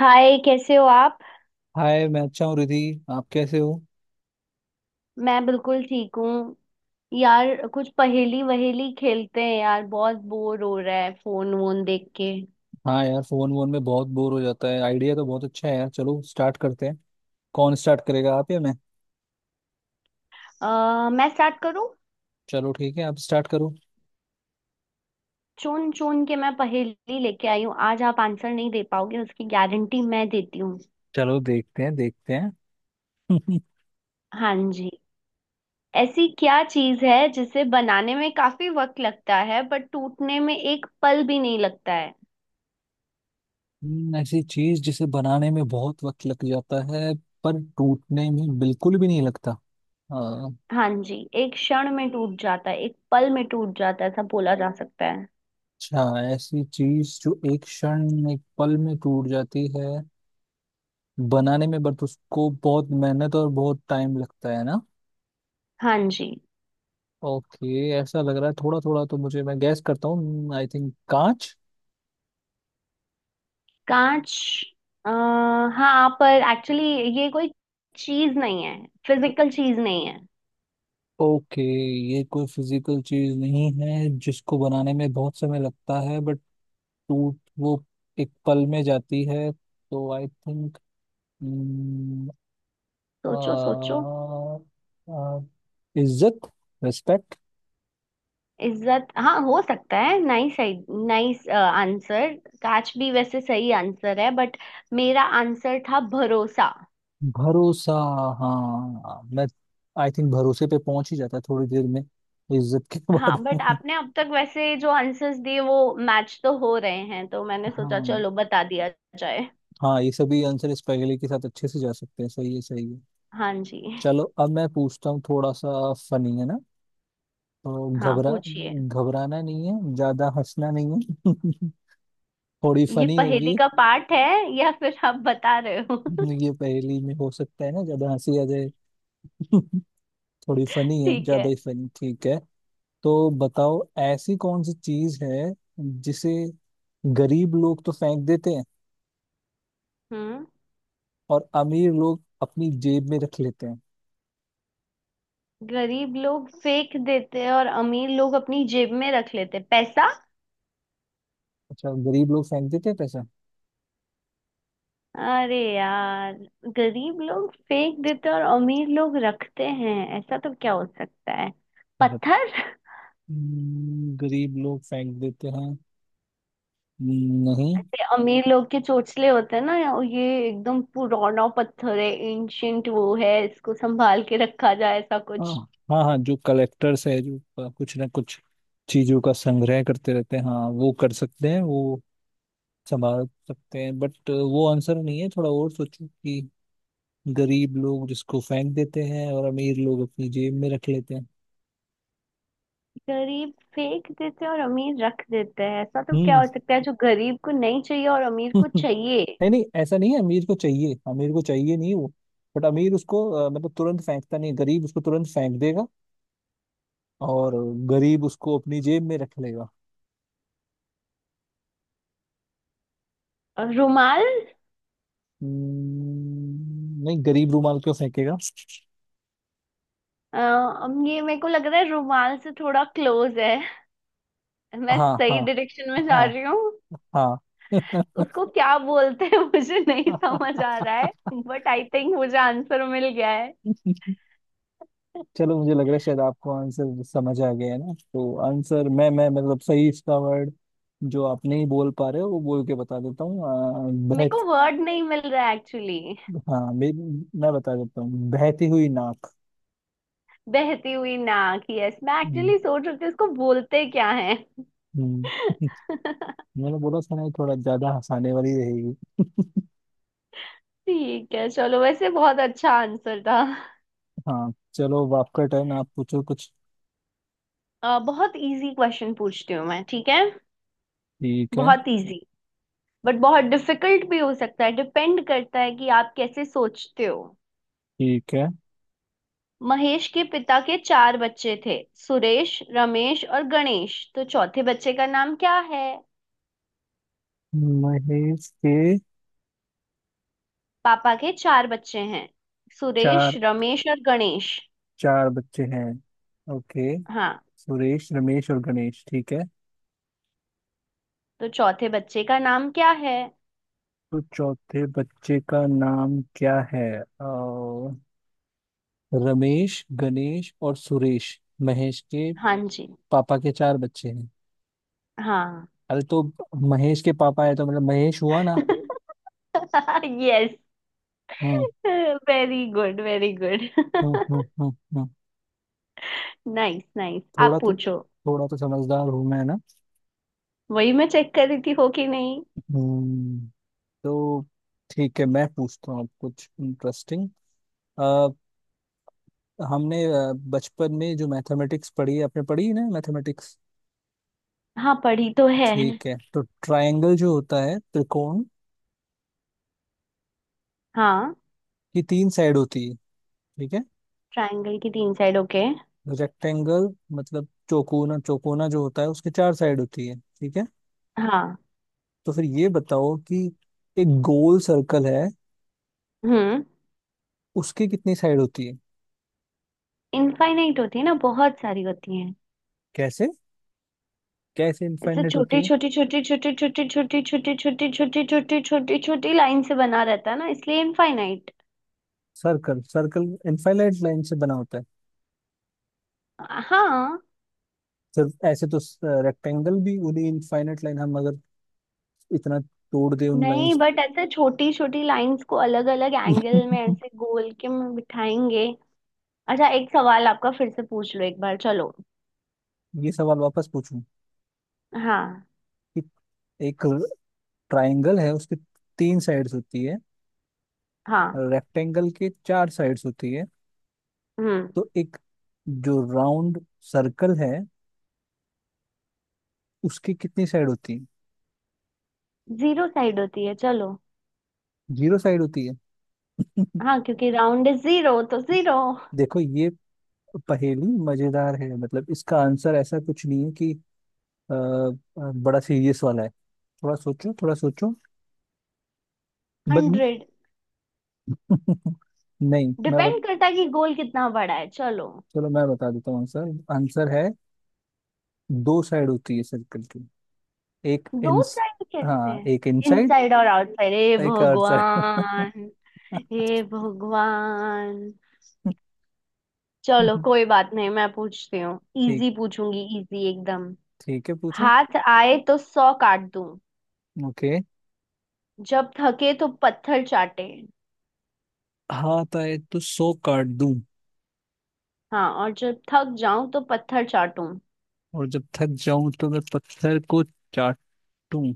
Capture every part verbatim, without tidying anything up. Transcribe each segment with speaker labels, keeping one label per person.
Speaker 1: हाय कैसे हो आप।
Speaker 2: हाय। मैं अच्छा हूँ रिधि। आप कैसे हो?
Speaker 1: मैं बिल्कुल ठीक हूँ। यार कुछ पहेली वहेली खेलते हैं यार, बहुत बोर हो रहा है फोन वोन देख के।
Speaker 2: हाँ यार, फोन वोन में बहुत बोर हो जाता है। आइडिया तो बहुत अच्छा है यार, चलो स्टार्ट करते हैं। कौन स्टार्ट करेगा, आप या मैं?
Speaker 1: आ, मैं स्टार्ट करूँ।
Speaker 2: चलो ठीक है, आप स्टार्ट करो।
Speaker 1: चुन चुन के मैं पहेली लेके आई हूँ आज, आप आंसर नहीं दे पाओगे उसकी गारंटी मैं देती हूँ।
Speaker 2: चलो देखते हैं, देखते हैं।
Speaker 1: हाँ जी। ऐसी क्या चीज़ है जिसे बनाने में काफी वक्त लगता है बट टूटने में एक पल भी नहीं लगता है?
Speaker 2: हम्म, ऐसी चीज जिसे बनाने में बहुत वक्त लग जाता है, पर टूटने में बिल्कुल भी नहीं लगता। हाँ।
Speaker 1: हाँ जी। एक क्षण में टूट जाता है, एक पल में टूट जाता है, ऐसा बोला जा सकता है।
Speaker 2: अच्छा, ऐसी चीज जो एक क्षण एक पल में टूट जाती है, बनाने में बट उसको बहुत मेहनत और बहुत टाइम लगता है ना।
Speaker 1: हाँ जी।
Speaker 2: ओके, ऐसा लग रहा है थोड़ा थोड़ा तो मुझे। मैं गैस करता हूँ, आई थिंक कांच।
Speaker 1: कांच। आ, हाँ पर एक्चुअली ये कोई चीज नहीं है, फिजिकल चीज नहीं है।
Speaker 2: ओके, ये कोई फिजिकल चीज नहीं है जिसको बनाने में बहुत समय लगता है बट टूट वो एक पल में जाती है, तो आई थिंक
Speaker 1: सोचो सोचो।
Speaker 2: इज्जत, रिस्पेक्ट,
Speaker 1: इज्जत, हाँ हो सकता है, नाइस। Nice answer. कांच भी वैसे सही आंसर है बट मेरा आंसर था भरोसा।
Speaker 2: भरोसा। हाँ, मैं आई थिंक भरोसे पे पहुंच ही जाता है थोड़ी देर में, इज्जत के
Speaker 1: हाँ
Speaker 2: बाद।
Speaker 1: बट आपने अब तक वैसे जो आंसर्स दिए वो मैच तो हो रहे हैं, तो मैंने सोचा
Speaker 2: हाँ
Speaker 1: चलो बता दिया जाए।
Speaker 2: हाँ, ये सभी आंसर इस पहेली के साथ अच्छे से जा सकते हैं। सही है, सही है।
Speaker 1: हाँ जी।
Speaker 2: चलो अब मैं पूछता हूँ थोड़ा सा। फनी है ना, तो
Speaker 1: हाँ
Speaker 2: घबरा
Speaker 1: पूछिए।
Speaker 2: घबराना नहीं है, ज्यादा हंसना नहीं है। थोड़ी
Speaker 1: ये
Speaker 2: फनी
Speaker 1: पहेली
Speaker 2: होगी।
Speaker 1: का पार्ट है या फिर आप बता रहे हो
Speaker 2: ये पहेली में हो सकता है ना ज्यादा हंसी आ जाए। थोड़ी फनी है,
Speaker 1: ठीक
Speaker 2: ज्यादा
Speaker 1: है।
Speaker 2: ही फनी। ठीक है। तो बताओ, ऐसी कौन सी चीज है जिसे गरीब लोग तो फेंक देते हैं
Speaker 1: हम्म
Speaker 2: और अमीर लोग अपनी जेब में रख लेते हैं?
Speaker 1: गरीब लोग फेंक देते हैं और अमीर लोग अपनी जेब में रख लेते हैं, पैसा?
Speaker 2: अच्छा, गरीब लोग फेंक देते हैं पैसा?
Speaker 1: अरे यार। गरीब लोग फेंक देते हैं और अमीर लोग रखते हैं, ऐसा तो क्या हो सकता है? पत्थर।
Speaker 2: हम्म, गरीब लोग फेंक देते हैं? नहीं।
Speaker 1: ऐसे अमीर लोग के चोंचले होते हैं ना, ये एकदम पुराना पत्थर है एंशियंट वो है, इसको संभाल के रखा जाए ऐसा
Speaker 2: हाँ
Speaker 1: कुछ।
Speaker 2: हाँ हाँ, जो कलेक्टर्स है जो प- कुछ ना कुछ चीजों का संग्रह करते रहते हैं। हाँ, वो कर सकते हैं, वो संभाल सकते हैं, बट वो आंसर नहीं है। थोड़ा और सोचो कि गरीब लोग जिसको फेंक देते हैं और अमीर लोग अपनी जेब में रख लेते हैं।
Speaker 1: गरीब फेंक देते हैं और अमीर रख देते हैं, ऐसा तो क्या
Speaker 2: हम्म।
Speaker 1: हो सकता है जो गरीब को नहीं चाहिए और अमीर को चाहिए?
Speaker 2: नहीं नहीं, ऐसा नहीं है। अमीर को चाहिए, अमीर को चाहिए नहीं वो, बट अमीर उसको अ, मतलब तुरंत फेंकता नहीं है। गरीब उसको तुरंत फेंक देगा, और गरीब उसको अपनी जेब में रख लेगा।
Speaker 1: और रुमाल।
Speaker 2: हम्म, नहीं, गरीब रूमाल क्यों फेंकेगा?
Speaker 1: अ, अब ये मेरे को लग रहा है रुमाल से थोड़ा क्लोज है, मैं
Speaker 2: हाँ हाँ
Speaker 1: सही डायरेक्शन में जा
Speaker 2: हाँ
Speaker 1: रही हूँ।
Speaker 2: हाँ।
Speaker 1: उसको क्या बोलते हैं मुझे नहीं समझ आ रहा है। बट आई थिंक मुझे आंसर मिल गया है।
Speaker 2: चलो, मुझे लग रहा है शायद आपको आंसर समझ आ गया है ना, तो आंसर मैं मैं मतलब सही इसका वर्ड जो आप नहीं बोल पा रहे हो वो बोल के बता देता हूँ। अ,
Speaker 1: मेरे
Speaker 2: बहत
Speaker 1: को वर्ड नहीं मिल रहा है एक्चुअली।
Speaker 2: हाँ मैं मैं बता देता हूँ, बहती हुई नाक।
Speaker 1: बहती हुई नाक, यस, मैं
Speaker 2: हम्म,
Speaker 1: एक्चुअली सोच रही थी उसको बोलते क्या है।
Speaker 2: हम्म। मैंने बोला था ना, ये थोड़ा ज्यादा हंसाने वाली रहेगी।
Speaker 1: ठीक है, चलो वैसे बहुत अच्छा आंसर था।
Speaker 2: हाँ चलो, अब आपका टर्न। आप पूछो कुछ।
Speaker 1: अ, बहुत इजी क्वेश्चन पूछती हूँ मैं, ठीक है?
Speaker 2: ठीक है।
Speaker 1: बहुत इजी, बट बहुत डिफिकल्ट भी हो सकता है, डिपेंड करता है कि आप कैसे सोचते हो।
Speaker 2: ठीक है।
Speaker 1: महेश के पिता के चार बच्चे थे, सुरेश रमेश और गणेश, तो चौथे बच्चे का नाम क्या है?
Speaker 2: महेश के
Speaker 1: पापा के चार बच्चे हैं, सुरेश
Speaker 2: चार
Speaker 1: रमेश और गणेश।
Speaker 2: चार बच्चे हैं। ओके,
Speaker 1: हाँ।
Speaker 2: सुरेश रमेश और गणेश, ठीक है।
Speaker 1: तो चौथे बच्चे का नाम क्या है?
Speaker 2: तो चौथे बच्चे का नाम क्या है? अ, रमेश गणेश और सुरेश। महेश के
Speaker 1: हाँ जी।
Speaker 2: पापा के चार बच्चे हैं।
Speaker 1: हाँ
Speaker 2: अरे तो महेश के पापा है, तो मतलब महेश हुआ ना।
Speaker 1: Yes.
Speaker 2: Hmm
Speaker 1: very good very
Speaker 2: hmm
Speaker 1: good.
Speaker 2: Hmm hmm hmm.
Speaker 1: Nice nice
Speaker 2: थोड़ा
Speaker 1: आप
Speaker 2: तो
Speaker 1: पूछो।
Speaker 2: थोड़ा तो समझदार हूँ मैं ना।
Speaker 1: वही मैं चेक कर रही थी हो कि नहीं।
Speaker 2: हम्म। तो ठीक है, मैं पूछता हूँ अब कुछ इंटरेस्टिंग। हमने अ, बचपन में जो मैथमेटिक्स पढ़ी है, आपने पढ़ी है ना मैथमेटिक्स?
Speaker 1: हाँ पढ़ी तो है।
Speaker 2: ठीक है, तो ट्रायंगल जो होता है त्रिकोण,
Speaker 1: हाँ।
Speaker 2: की तीन साइड होती है, ठीक है।
Speaker 1: ट्रायंगल की तीन साइड, ओके।
Speaker 2: रेक्टेंगल मतलब चौकोना, चौकोना जो होता है उसके चार साइड होती है, ठीक है।
Speaker 1: हाँ।
Speaker 2: तो फिर ये बताओ कि एक गोल सर्कल है,
Speaker 1: हम्म।
Speaker 2: उसकी कितनी साइड होती है?
Speaker 1: इनफाइनाइट होती है ना, बहुत सारी होती हैं।
Speaker 2: कैसे? कैसे
Speaker 1: ऐसे
Speaker 2: इनफाइनाइट होती
Speaker 1: छोटी
Speaker 2: है?
Speaker 1: छोटी छोटी छोटी छोटी छोटी छोटी छोटी छोटी छोटी छोटी छोटी लाइन से बना रहता है ना, इसलिए infinite.
Speaker 2: Circle circle infinite line से बना होता है?
Speaker 1: हाँ।
Speaker 2: सिर्फ ऐसे तो रेक्टेंगल भी उन्हीं इनफाइनाइट लाइन, हम अगर इतना तोड़ दे उन
Speaker 1: नहीं
Speaker 2: लाइंस।
Speaker 1: बट ऐसे छोटी छोटी लाइंस को अलग अलग एंगल में ऐसे गोल के में बिठाएंगे। अच्छा एक सवाल आपका फिर से पूछ लो एक बार, चलो।
Speaker 2: ये सवाल वापस पूछूं
Speaker 1: हाँ
Speaker 2: कि एक ट्रायंगल है, उसकी तीन साइड्स होती है,
Speaker 1: हाँ।
Speaker 2: रेक्टेंगल के चार साइड्स होती है,
Speaker 1: हम्म।
Speaker 2: तो एक जो राउंड सर्कल है उसकी कितनी साइड होती है?
Speaker 1: जीरो साइड होती है, चलो।
Speaker 2: जीरो साइड होती है?
Speaker 1: हाँ, क्योंकि राउंड इज जीरो तो जीरो।
Speaker 2: देखो, ये पहेली मजेदार है। मतलब इसका आंसर ऐसा कुछ नहीं है कि अ, अ, बड़ा सीरियस वाला है। थोड़ा सोचो, थोड़ा सोचो। बद
Speaker 1: हंड्रेड।
Speaker 2: नहीं, मैं बत,
Speaker 1: डिपेंड करता है कि गोल कितना बड़ा है, चलो।
Speaker 2: चलो मैं बता देता हूँ आंसर। आंसर है दो साइड होती है सर्कल की। एक
Speaker 1: दो
Speaker 2: इंस
Speaker 1: साइड कैसे
Speaker 2: हाँ,
Speaker 1: हैं?
Speaker 2: एक इनसाइड,
Speaker 1: इनसाइड और आउटसाइड, हे
Speaker 2: एक आउटसाइड।
Speaker 1: भगवान। हे भगवान, चलो कोई बात नहीं, मैं पूछती हूँ।
Speaker 2: ठीक।
Speaker 1: इजी पूछूंगी इजी एकदम।
Speaker 2: ठीक है, पूछो।
Speaker 1: हाथ आए तो सौ काट दूं,
Speaker 2: ओके।
Speaker 1: जब थके तो पत्थर चाटे।
Speaker 2: हाथ आए तो सो काट दूं,
Speaker 1: हाँ, और जब थक जाऊं तो पत्थर चाटूं।
Speaker 2: और जब थक जाऊं तो मैं पत्थर को चाटूं।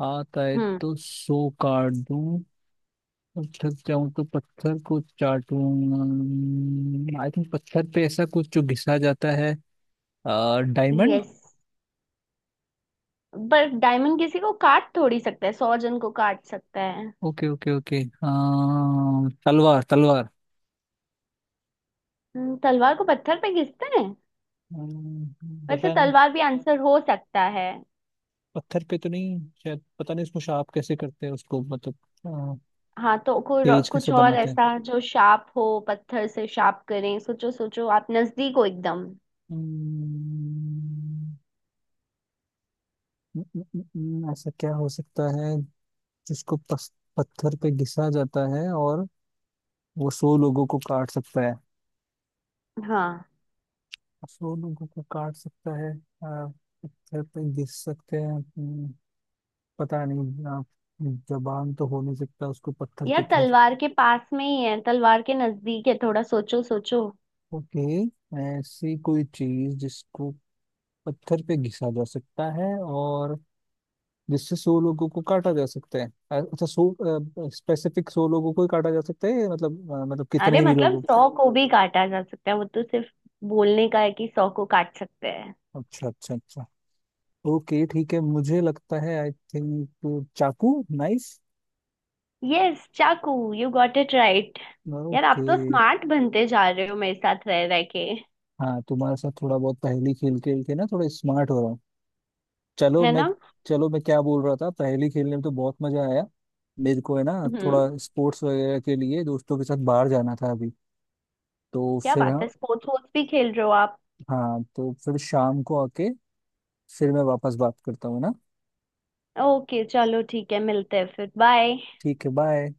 Speaker 2: हाथ आए
Speaker 1: हम्म।
Speaker 2: तो सो काट दूं, और थक जाऊं तो पत्थर को चाटूं। आई थिंक पत्थर पे ऐसा कुछ जो घिसा जाता है, डायमंड।
Speaker 1: यस। पर डायमंड किसी को काट थोड़ी सकता है, सौ जन को काट सकता है?
Speaker 2: ओके ओके ओके, हाँ तलवार तलवार।
Speaker 1: हम्म, तलवार को पत्थर पे घिसते हैं।
Speaker 2: अम्म,
Speaker 1: वैसे
Speaker 2: पता नहीं।
Speaker 1: तलवार भी आंसर हो सकता है।
Speaker 2: पत्थर पे तो नहीं शायद, पता नहीं उसको शार्प कैसे करते हैं, उसको मतलब अ,
Speaker 1: हाँ तो कोई रो-
Speaker 2: तेज कैसे
Speaker 1: कुछ और
Speaker 2: बनाते हैं?
Speaker 1: ऐसा जो शार्प हो, पत्थर से शार्प करें, सोचो सोचो, आप नजदीक हो एकदम।
Speaker 2: हम्म, न- न- न- न- ऐसा क्या हो सकता है जिसको पस, पत्थर पे घिसा जाता है और वो सौ लोगों को काट सकता है?
Speaker 1: हाँ
Speaker 2: सौ लोगों को काट सकता है। अ, पत्थर पे घिस सकते हैं। हम्म, पता नहीं। अ, जबान तो हो नहीं सकता, उसको पत्थर पे
Speaker 1: यार
Speaker 2: कह।
Speaker 1: तलवार के पास में ही है, तलवार के नजदीक है, थोड़ा सोचो सोचो।
Speaker 2: ओके, ऐसी कोई चीज जिसको पत्थर पे घिसा जा सकता है और जिससे सौ लोगों को काटा जा सकता है। अ- अच्छा, सौ स्पेसिफिक सौ लोगों को ही काटा जा सकता है? या मतलब अ, मतलब
Speaker 1: अरे
Speaker 2: कितने भी
Speaker 1: मतलब
Speaker 2: लोगों
Speaker 1: सौ को भी काटा जा सकता है, वो तो सिर्फ बोलने का है कि सौ को काट सकते हैं।
Speaker 2: को? अच्छा अच्छा अच्छा। ओके ठीक है, मुझे लगता है आई थिंक चाकू, नाइफ।
Speaker 1: यस चाकू, यू गॉट इट राइट। यार
Speaker 2: ओके।
Speaker 1: आप तो स्मार्ट बनते जा रहे हो मेरे साथ रह रह के।
Speaker 2: हाँ, तुम्हारे साथ थोड़ा बहुत पहेली खेल खेल के ना, थोड़ा स्मार्ट हो रहा हूँ। चलो
Speaker 1: है
Speaker 2: मैं
Speaker 1: ना?
Speaker 2: चलो मैं क्या बोल रहा था, पहेली खेलने में तो बहुत मजा आया मेरे को, है ना। थोड़ा
Speaker 1: हम्म।
Speaker 2: स्पोर्ट्स वगैरह के लिए दोस्तों के साथ बाहर जाना था अभी, तो
Speaker 1: क्या
Speaker 2: फिर।
Speaker 1: बात
Speaker 2: हाँ,
Speaker 1: है, स्पोर्ट्स वोर्ट्स भी खेल रहे हो आप?
Speaker 2: हाँ, तो फिर शाम को आके फिर मैं वापस बात करता हूँ ना।
Speaker 1: ओके चलो ठीक है, मिलते हैं फिर, बाय।
Speaker 2: ठीक है, बाय।